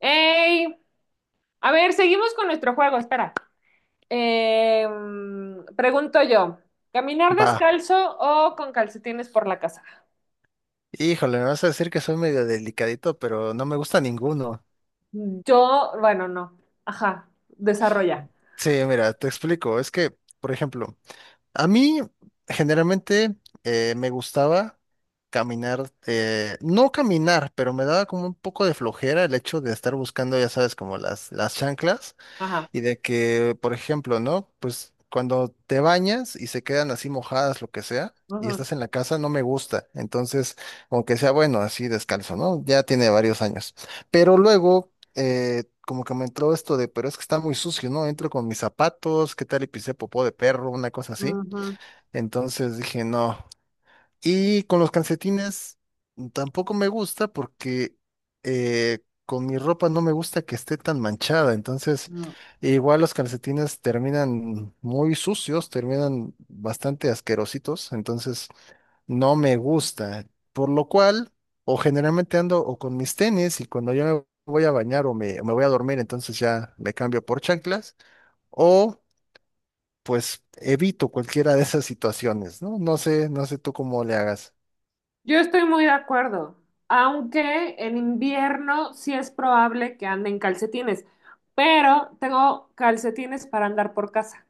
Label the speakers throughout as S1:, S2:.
S1: Ey, a ver, seguimos con nuestro juego, espera. Pregunto yo, ¿caminar
S2: Va.
S1: descalzo o con calcetines por la casa?
S2: Híjole, me vas a decir que soy medio delicadito, pero no me gusta ninguno.
S1: Yo, bueno, no. Ajá, desarrolla.
S2: Sí, mira, te explico. Es que, por ejemplo, a mí generalmente me gustaba caminar, no caminar, pero me daba como un poco de flojera el hecho de estar buscando, ya sabes, como las chanclas.
S1: Ajá.
S2: Y de que, por ejemplo, ¿no? Pues cuando te bañas y se quedan así mojadas, lo que sea, y
S1: Ujú,
S2: estás en la casa, no me gusta. Entonces, aunque sea bueno, así descalzo, ¿no? Ya tiene varios años. Pero luego, como que me entró esto de, pero es que está muy sucio, ¿no? Entro con mis zapatos, ¿qué tal? Y pisé popó de perro, una cosa así.
S1: ujú,
S2: Entonces dije, no, y con los calcetines tampoco me gusta porque eh, con mi ropa no me gusta que esté tan manchada. Entonces,
S1: ujú.
S2: igual los calcetines terminan muy sucios, terminan bastante asquerositos. Entonces, no me gusta. Por lo cual, o generalmente ando o con mis tenis y cuando yo me voy a bañar o me voy a dormir, entonces ya me cambio por chanclas. O pues evito cualquiera de esas situaciones, ¿no? No sé, no sé tú cómo le hagas.
S1: Yo estoy muy de acuerdo, aunque en invierno sí es probable que ande en calcetines, pero tengo calcetines para andar por casa.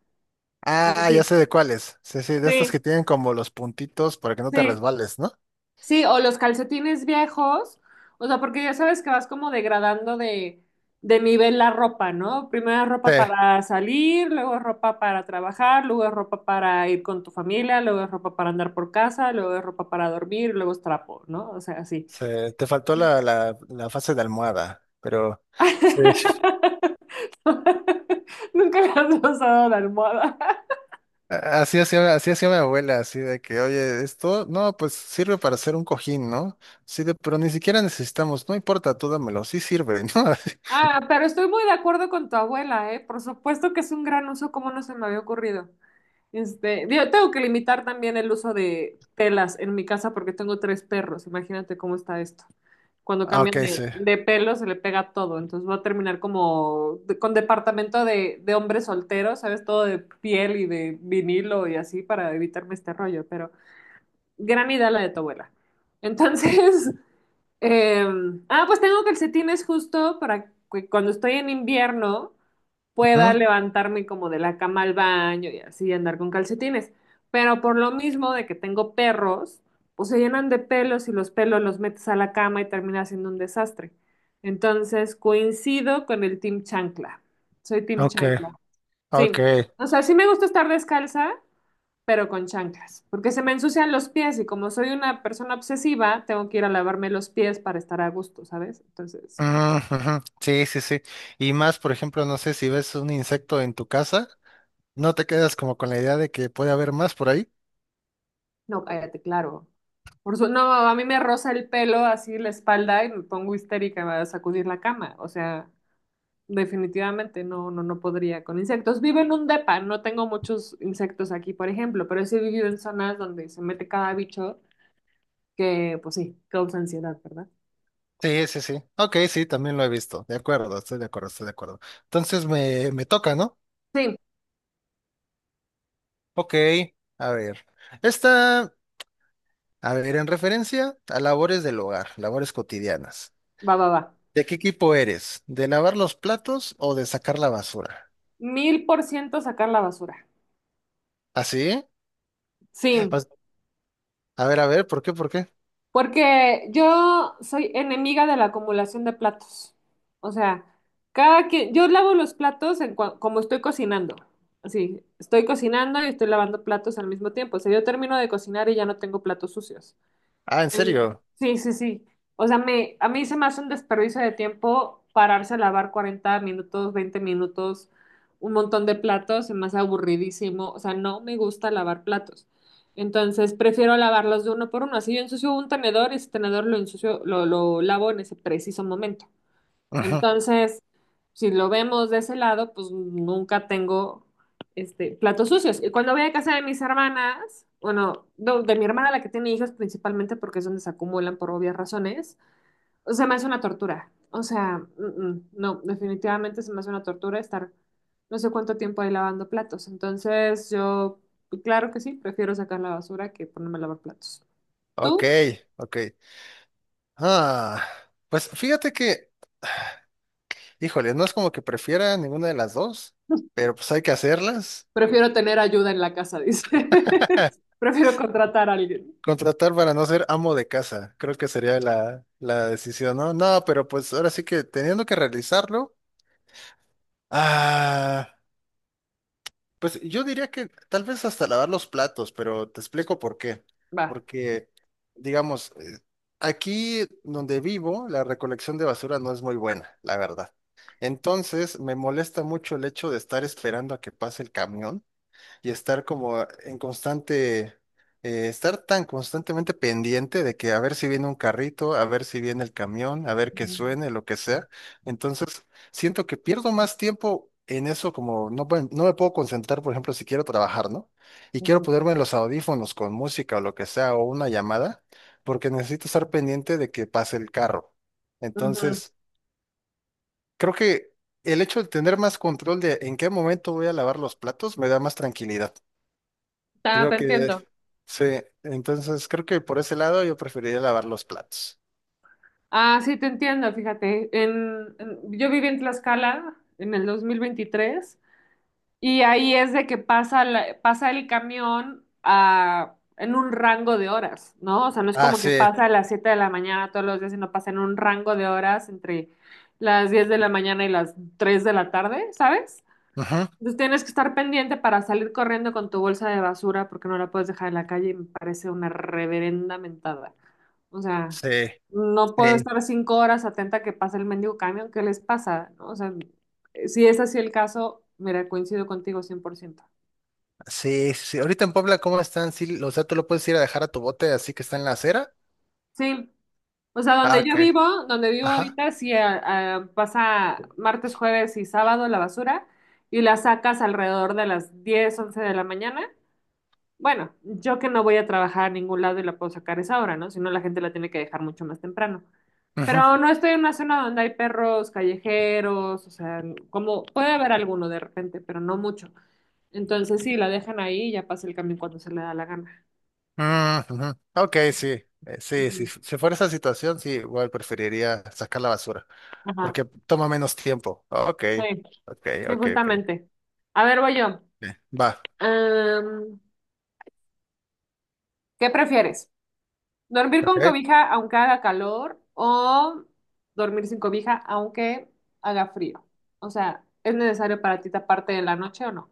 S2: Ah, ya
S1: Así.
S2: sé de cuáles. Sí, sí, de estos
S1: Sí,
S2: que tienen como los puntitos para que no
S1: sí,
S2: te
S1: sí.
S2: resbales, ¿no?
S1: Sí, o los calcetines viejos, o sea, porque ya sabes que vas como degradando de nivel la ropa, ¿no? Primero es
S2: Sí,
S1: ropa para salir, luego es ropa para trabajar, luego es ropa para ir con tu familia, luego es ropa para andar por casa, luego es ropa para dormir, luego es trapo, ¿no? O sea, así.
S2: sí, te faltó la fase de almohada, pero sí.
S1: Nunca le has usado la almohada.
S2: Así hacía mi abuela, así de que, oye, esto, no, pues sirve para hacer un cojín, ¿no? Sí, de, pero ni siquiera necesitamos, no importa, tú dámelo, sí sirve, ¿no?
S1: Ah, pero estoy muy de acuerdo con tu abuela, ¿eh? Por supuesto que es un gran uso, como no se me había ocurrido. Este, yo tengo que limitar también el uso de telas en mi casa porque tengo tres perros. Imagínate cómo está esto. Cuando
S2: Ah, ok,
S1: cambian
S2: sí.
S1: de pelo se le pega todo. Entonces va a terminar como de- con departamento de hombres solteros, ¿sabes? Todo de piel y de vinilo y así para evitarme este rollo. Pero gran idea la de tu abuela. Entonces, eh, pues tengo calcetines justo para que cuando estoy en invierno pueda
S2: Ujú.
S1: levantarme como de la cama al baño y así andar con calcetines. Pero por lo mismo de que tengo perros, pues se llenan de pelos y los pelos los metes a la cama y termina siendo un desastre. Entonces coincido con el Team Chancla. Soy Team
S2: Ok,
S1: Chancla.
S2: ok.
S1: Sí. O sea, sí me gusta estar descalza, pero con chanclas, porque se me ensucian los pies y como soy una persona obsesiva, tengo que ir a lavarme los pies para estar a gusto, ¿sabes? Entonces,
S2: Ujú, ujú. Sí, sí, sí. Y más, por ejemplo, no sé si ves un insecto en tu casa. ¿No te quedas como con la idea de que puede haber más por ahí?
S1: no, cállate, claro. No, a mí me roza el pelo así la espalda y me pongo histérica a sacudir la cama. O sea, definitivamente no, no, no podría con insectos. Vivo en un depa, no tengo muchos insectos aquí, por ejemplo, pero sí he vivido en zonas donde se mete cada bicho que, pues sí, causa ansiedad, ¿verdad?
S2: Sí, sí, sí. Ok, sí, también lo he visto. De acuerdo, estoy de acuerdo, estoy de acuerdo. Entonces me toca, ¿no?
S1: Sí,
S2: Ok, a ver. Esta, a ver, en referencia a labores del hogar, labores cotidianas.
S1: va, va, va.
S2: ¿De qué equipo eres? ¿De lavar los platos o de sacar la basura?
S1: 1000% sacar la basura.
S2: ¿Así?
S1: Sí,
S2: A ver, a ver, ¿por qué, por qué?
S1: porque yo soy enemiga de la acumulación de platos. O sea, cada quien, yo lavo los platos como estoy cocinando. Así, estoy cocinando y estoy lavando platos al mismo tiempo. O sea, yo termino de cocinar y ya no tengo platos sucios.
S2: Ah, ¿en
S1: En-
S2: serio?
S1: Sí, sí, sí. O sea, a mí se me hace un desperdicio de tiempo pararse a lavar 40 minutos, 20 minutos, un montón de platos, se me hace aburridísimo. O sea, no me gusta lavar platos. Entonces, prefiero lavarlos de uno por uno. Así yo ensucio un tenedor, y ese tenedor lo ensucio, lo lavo en ese preciso momento.
S2: Ujú.
S1: Entonces, si lo vemos de ese lado, pues nunca tengo este, platos sucios. Y cuando voy a casa de mis hermanas, bueno, no, de mi hermana, la que tiene hijos principalmente, porque es donde se acumulan por obvias razones, o sea, me hace una tortura. O sea, no, definitivamente se me hace una tortura estar no sé cuánto tiempo ahí lavando platos. Entonces, yo, pues, claro que sí, prefiero sacar la basura que ponerme a lavar platos.
S2: Ok,
S1: ¿Tú?
S2: ok. Ah, pues fíjate que híjole, no es como que prefiera ninguna de las dos, pero pues hay que hacerlas.
S1: Prefiero tener ayuda en la casa, dice. Prefiero contratar a alguien.
S2: Contratar para no ser amo de casa, creo que sería la decisión, ¿no? No, pero pues ahora sí que teniendo que realizarlo, ah, pues yo diría que tal vez hasta lavar los platos, pero te explico por qué.
S1: Va.
S2: Porque, digamos, aquí donde vivo, la recolección de basura no es muy buena, la verdad. Entonces, me molesta mucho el hecho de estar esperando a que pase el camión y estar como en constante, estar tan constantemente pendiente de que a ver si viene un carrito, a ver si viene el camión, a ver que suene, lo que sea. Entonces, siento que pierdo más tiempo en eso, como no, no me puedo concentrar, por ejemplo, si quiero trabajar, ¿no? Y quiero
S1: Ujú.
S2: ponerme los audífonos con música o lo que sea, o una llamada, porque necesito estar pendiente de que pase el carro.
S1: Ujú.
S2: Entonces, creo que el hecho de tener más control de en qué momento voy a lavar los platos me da más tranquilidad.
S1: Ah,
S2: Creo
S1: te
S2: que
S1: entiendo.
S2: sí. Entonces, creo que por ese lado yo preferiría lavar los platos.
S1: Ah, sí, te entiendo, fíjate. Yo viví en Tlaxcala en el 2023 y ahí es de que pasa, pasa el camión en un rango de horas, ¿no? O sea, no es
S2: Ah,
S1: como que
S2: sí.
S1: pasa a las 7 de la mañana todos los días, sino pasa en un rango de horas entre las 10 de la mañana y las 3 de la tarde, ¿sabes?
S2: Ujú.
S1: Entonces tienes que estar pendiente para salir corriendo con tu bolsa de basura porque no la puedes dejar en la calle y me parece una reverenda mentada. O sea,
S2: Sí,
S1: no puedo
S2: sí,
S1: estar 5 horas atenta a que pase el mendigo camión. ¿Qué les pasa? ¿No? O sea, si es así el caso, mira, coincido contigo 100%.
S2: sí, sí. Ahorita en Puebla, ¿cómo están? Sí, o sea, tú lo puedes ir a dejar a tu bote así que está en la acera.
S1: Sí, o sea,
S2: Ah,
S1: donde yo
S2: ok.
S1: vivo, donde vivo
S2: Ajá.
S1: ahorita, pasa martes, jueves y sábado la basura y la sacas alrededor de las 10 11 de la mañana. Bueno, yo que no voy a trabajar a ningún lado y la puedo sacar esa hora, ¿no? Si no, la gente la tiene que dejar mucho más temprano.
S2: Ujú.
S1: Pero no estoy en una zona donde hay perros callejeros, o sea, como puede haber alguno de repente, pero no mucho. Entonces sí, la dejan ahí y ya pasa el camión cuando se le da la gana.
S2: Mm, ujú. Ok, sí. Sí, sí.
S1: Ujú.
S2: Si fuera esa situación, sí, igual preferiría sacar la basura,
S1: Ajá,
S2: porque toma menos tiempo. Ok,
S1: sí,
S2: ok,
S1: sí,
S2: ok, ok.
S1: justamente. A ver, voy yo.
S2: Sí. Va.
S1: Am, ¿Qué prefieres? Dormir
S2: Ok.
S1: con cobija aunque haga calor o dormir sin cobija aunque haga frío. O sea, ¿es necesario para ti taparte de la noche o no?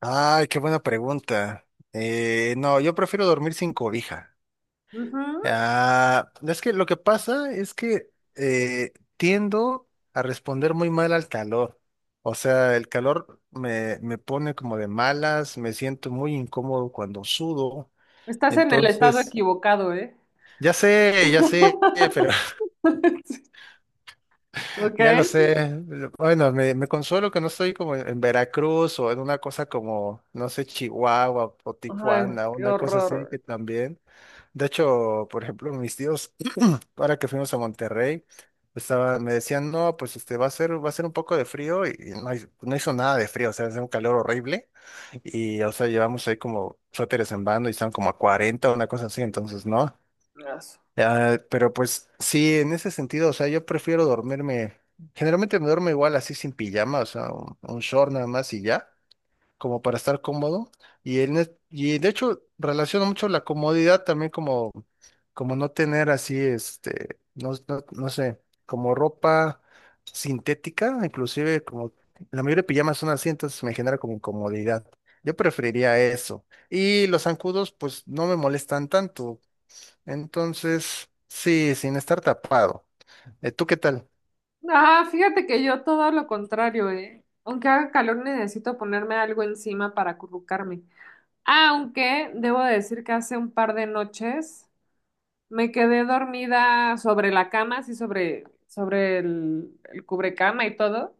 S2: Ay, qué buena pregunta. No, yo prefiero dormir sin cobija.
S1: Ujú.
S2: Ah, es que lo que pasa es que tiendo a responder muy mal al calor. O sea, el calor me pone como de malas, me siento muy incómodo cuando sudo.
S1: Estás en el estado
S2: Entonces,
S1: equivocado, ¿eh?
S2: ya sé, pero
S1: Ok.
S2: ya lo sé. Bueno, me consuelo que no estoy como en Veracruz o en una cosa como, no sé, Chihuahua o
S1: Ay,
S2: Tijuana,
S1: qué
S2: una cosa así
S1: horror.
S2: que también. De hecho, por ejemplo, mis tíos, ahora que fuimos a Monterrey, estaba, me decían, no, pues este va a ser un poco de frío y no, no hizo nada de frío, o sea, hace un calor horrible. Y, o sea, llevamos ahí como suéteres en bando y estaban como a 40 una cosa así, entonces, ¿no?
S1: Eso.
S2: Ah, pero pues sí, en ese sentido, o sea, yo prefiero dormirme, generalmente me duermo igual así sin pijama, o sea, un short nada más y ya, como para estar cómodo. Y, y de hecho relaciono mucho la comodidad también como, como no tener así, este, no, no, no sé, como ropa sintética, inclusive como la mayoría de pijamas son así, entonces me genera como incomodidad. Yo preferiría eso. Y los zancudos, pues no me molestan tanto. Entonces, sí, sin estar tapado. ¿Tú qué tal?
S1: Ah, fíjate que yo todo lo contrario, ¿eh? Aunque haga calor, necesito ponerme algo encima para acurrucarme. Aunque debo decir que hace un par de noches. Me quedé dormida sobre la cama, así sobre el cubrecama y todo,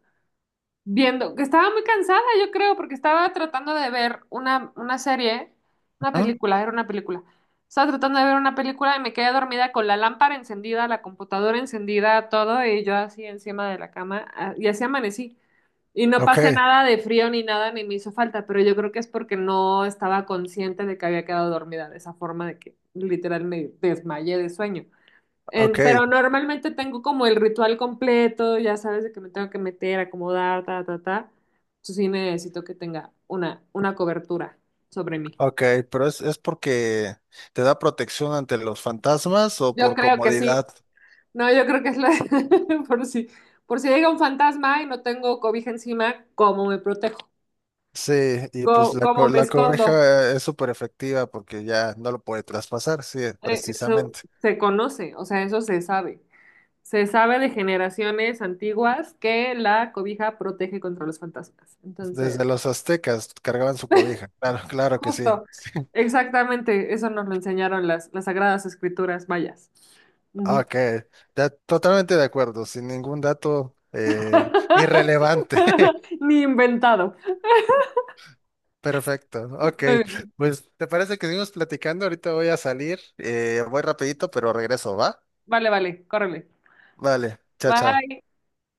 S1: viendo que estaba muy cansada, yo creo, porque estaba tratando de ver una serie, una
S2: ¿Ah?
S1: película, era una película. Estaba tratando de ver una película y me quedé dormida con la lámpara encendida, la computadora encendida, todo, y yo así encima de la cama, y así amanecí. Y no
S2: Ok,
S1: pasé nada de frío ni nada, ni me hizo falta, pero yo creo que es porque no estaba consciente de que había quedado dormida de esa forma de que literal me desmayé de sueño.
S2: ok,
S1: Pero normalmente tengo como el ritual completo, ya sabes de que me tengo que meter, acomodar, ta, ta, ta. Entonces sí necesito que tenga una cobertura sobre mí.
S2: ok, pero es porque te da protección ante los fantasmas o
S1: Yo
S2: por
S1: creo que sí.
S2: comodidad.
S1: No, yo creo que es la... por si, por si llega un fantasma y no tengo cobija encima, ¿cómo me protejo?
S2: Sí, y pues
S1: ¿Cómo, me
S2: la
S1: escondo?
S2: cobeja es súper efectiva porque ya no lo puede traspasar, sí,
S1: Eso
S2: precisamente.
S1: se conoce, o sea, eso se sabe. Se sabe de generaciones antiguas que la cobija protege contra los fantasmas.
S2: Desde
S1: Entonces...
S2: los aztecas cargaban su cobija. Claro, claro que sí.
S1: Justo, exactamente, eso nos lo enseñaron las sagradas escrituras mayas. Ujú.
S2: Ok, totalmente de acuerdo, sin ningún dato irrelevante.
S1: Ni inventado.
S2: Perfecto, ok.
S1: Muy bien.
S2: Pues, ¿te parece que seguimos platicando? Ahorita voy a salir, voy rapidito, pero regreso, ¿va?
S1: Vale, vale, córrele.
S2: Vale, chao, chao.
S1: Bye.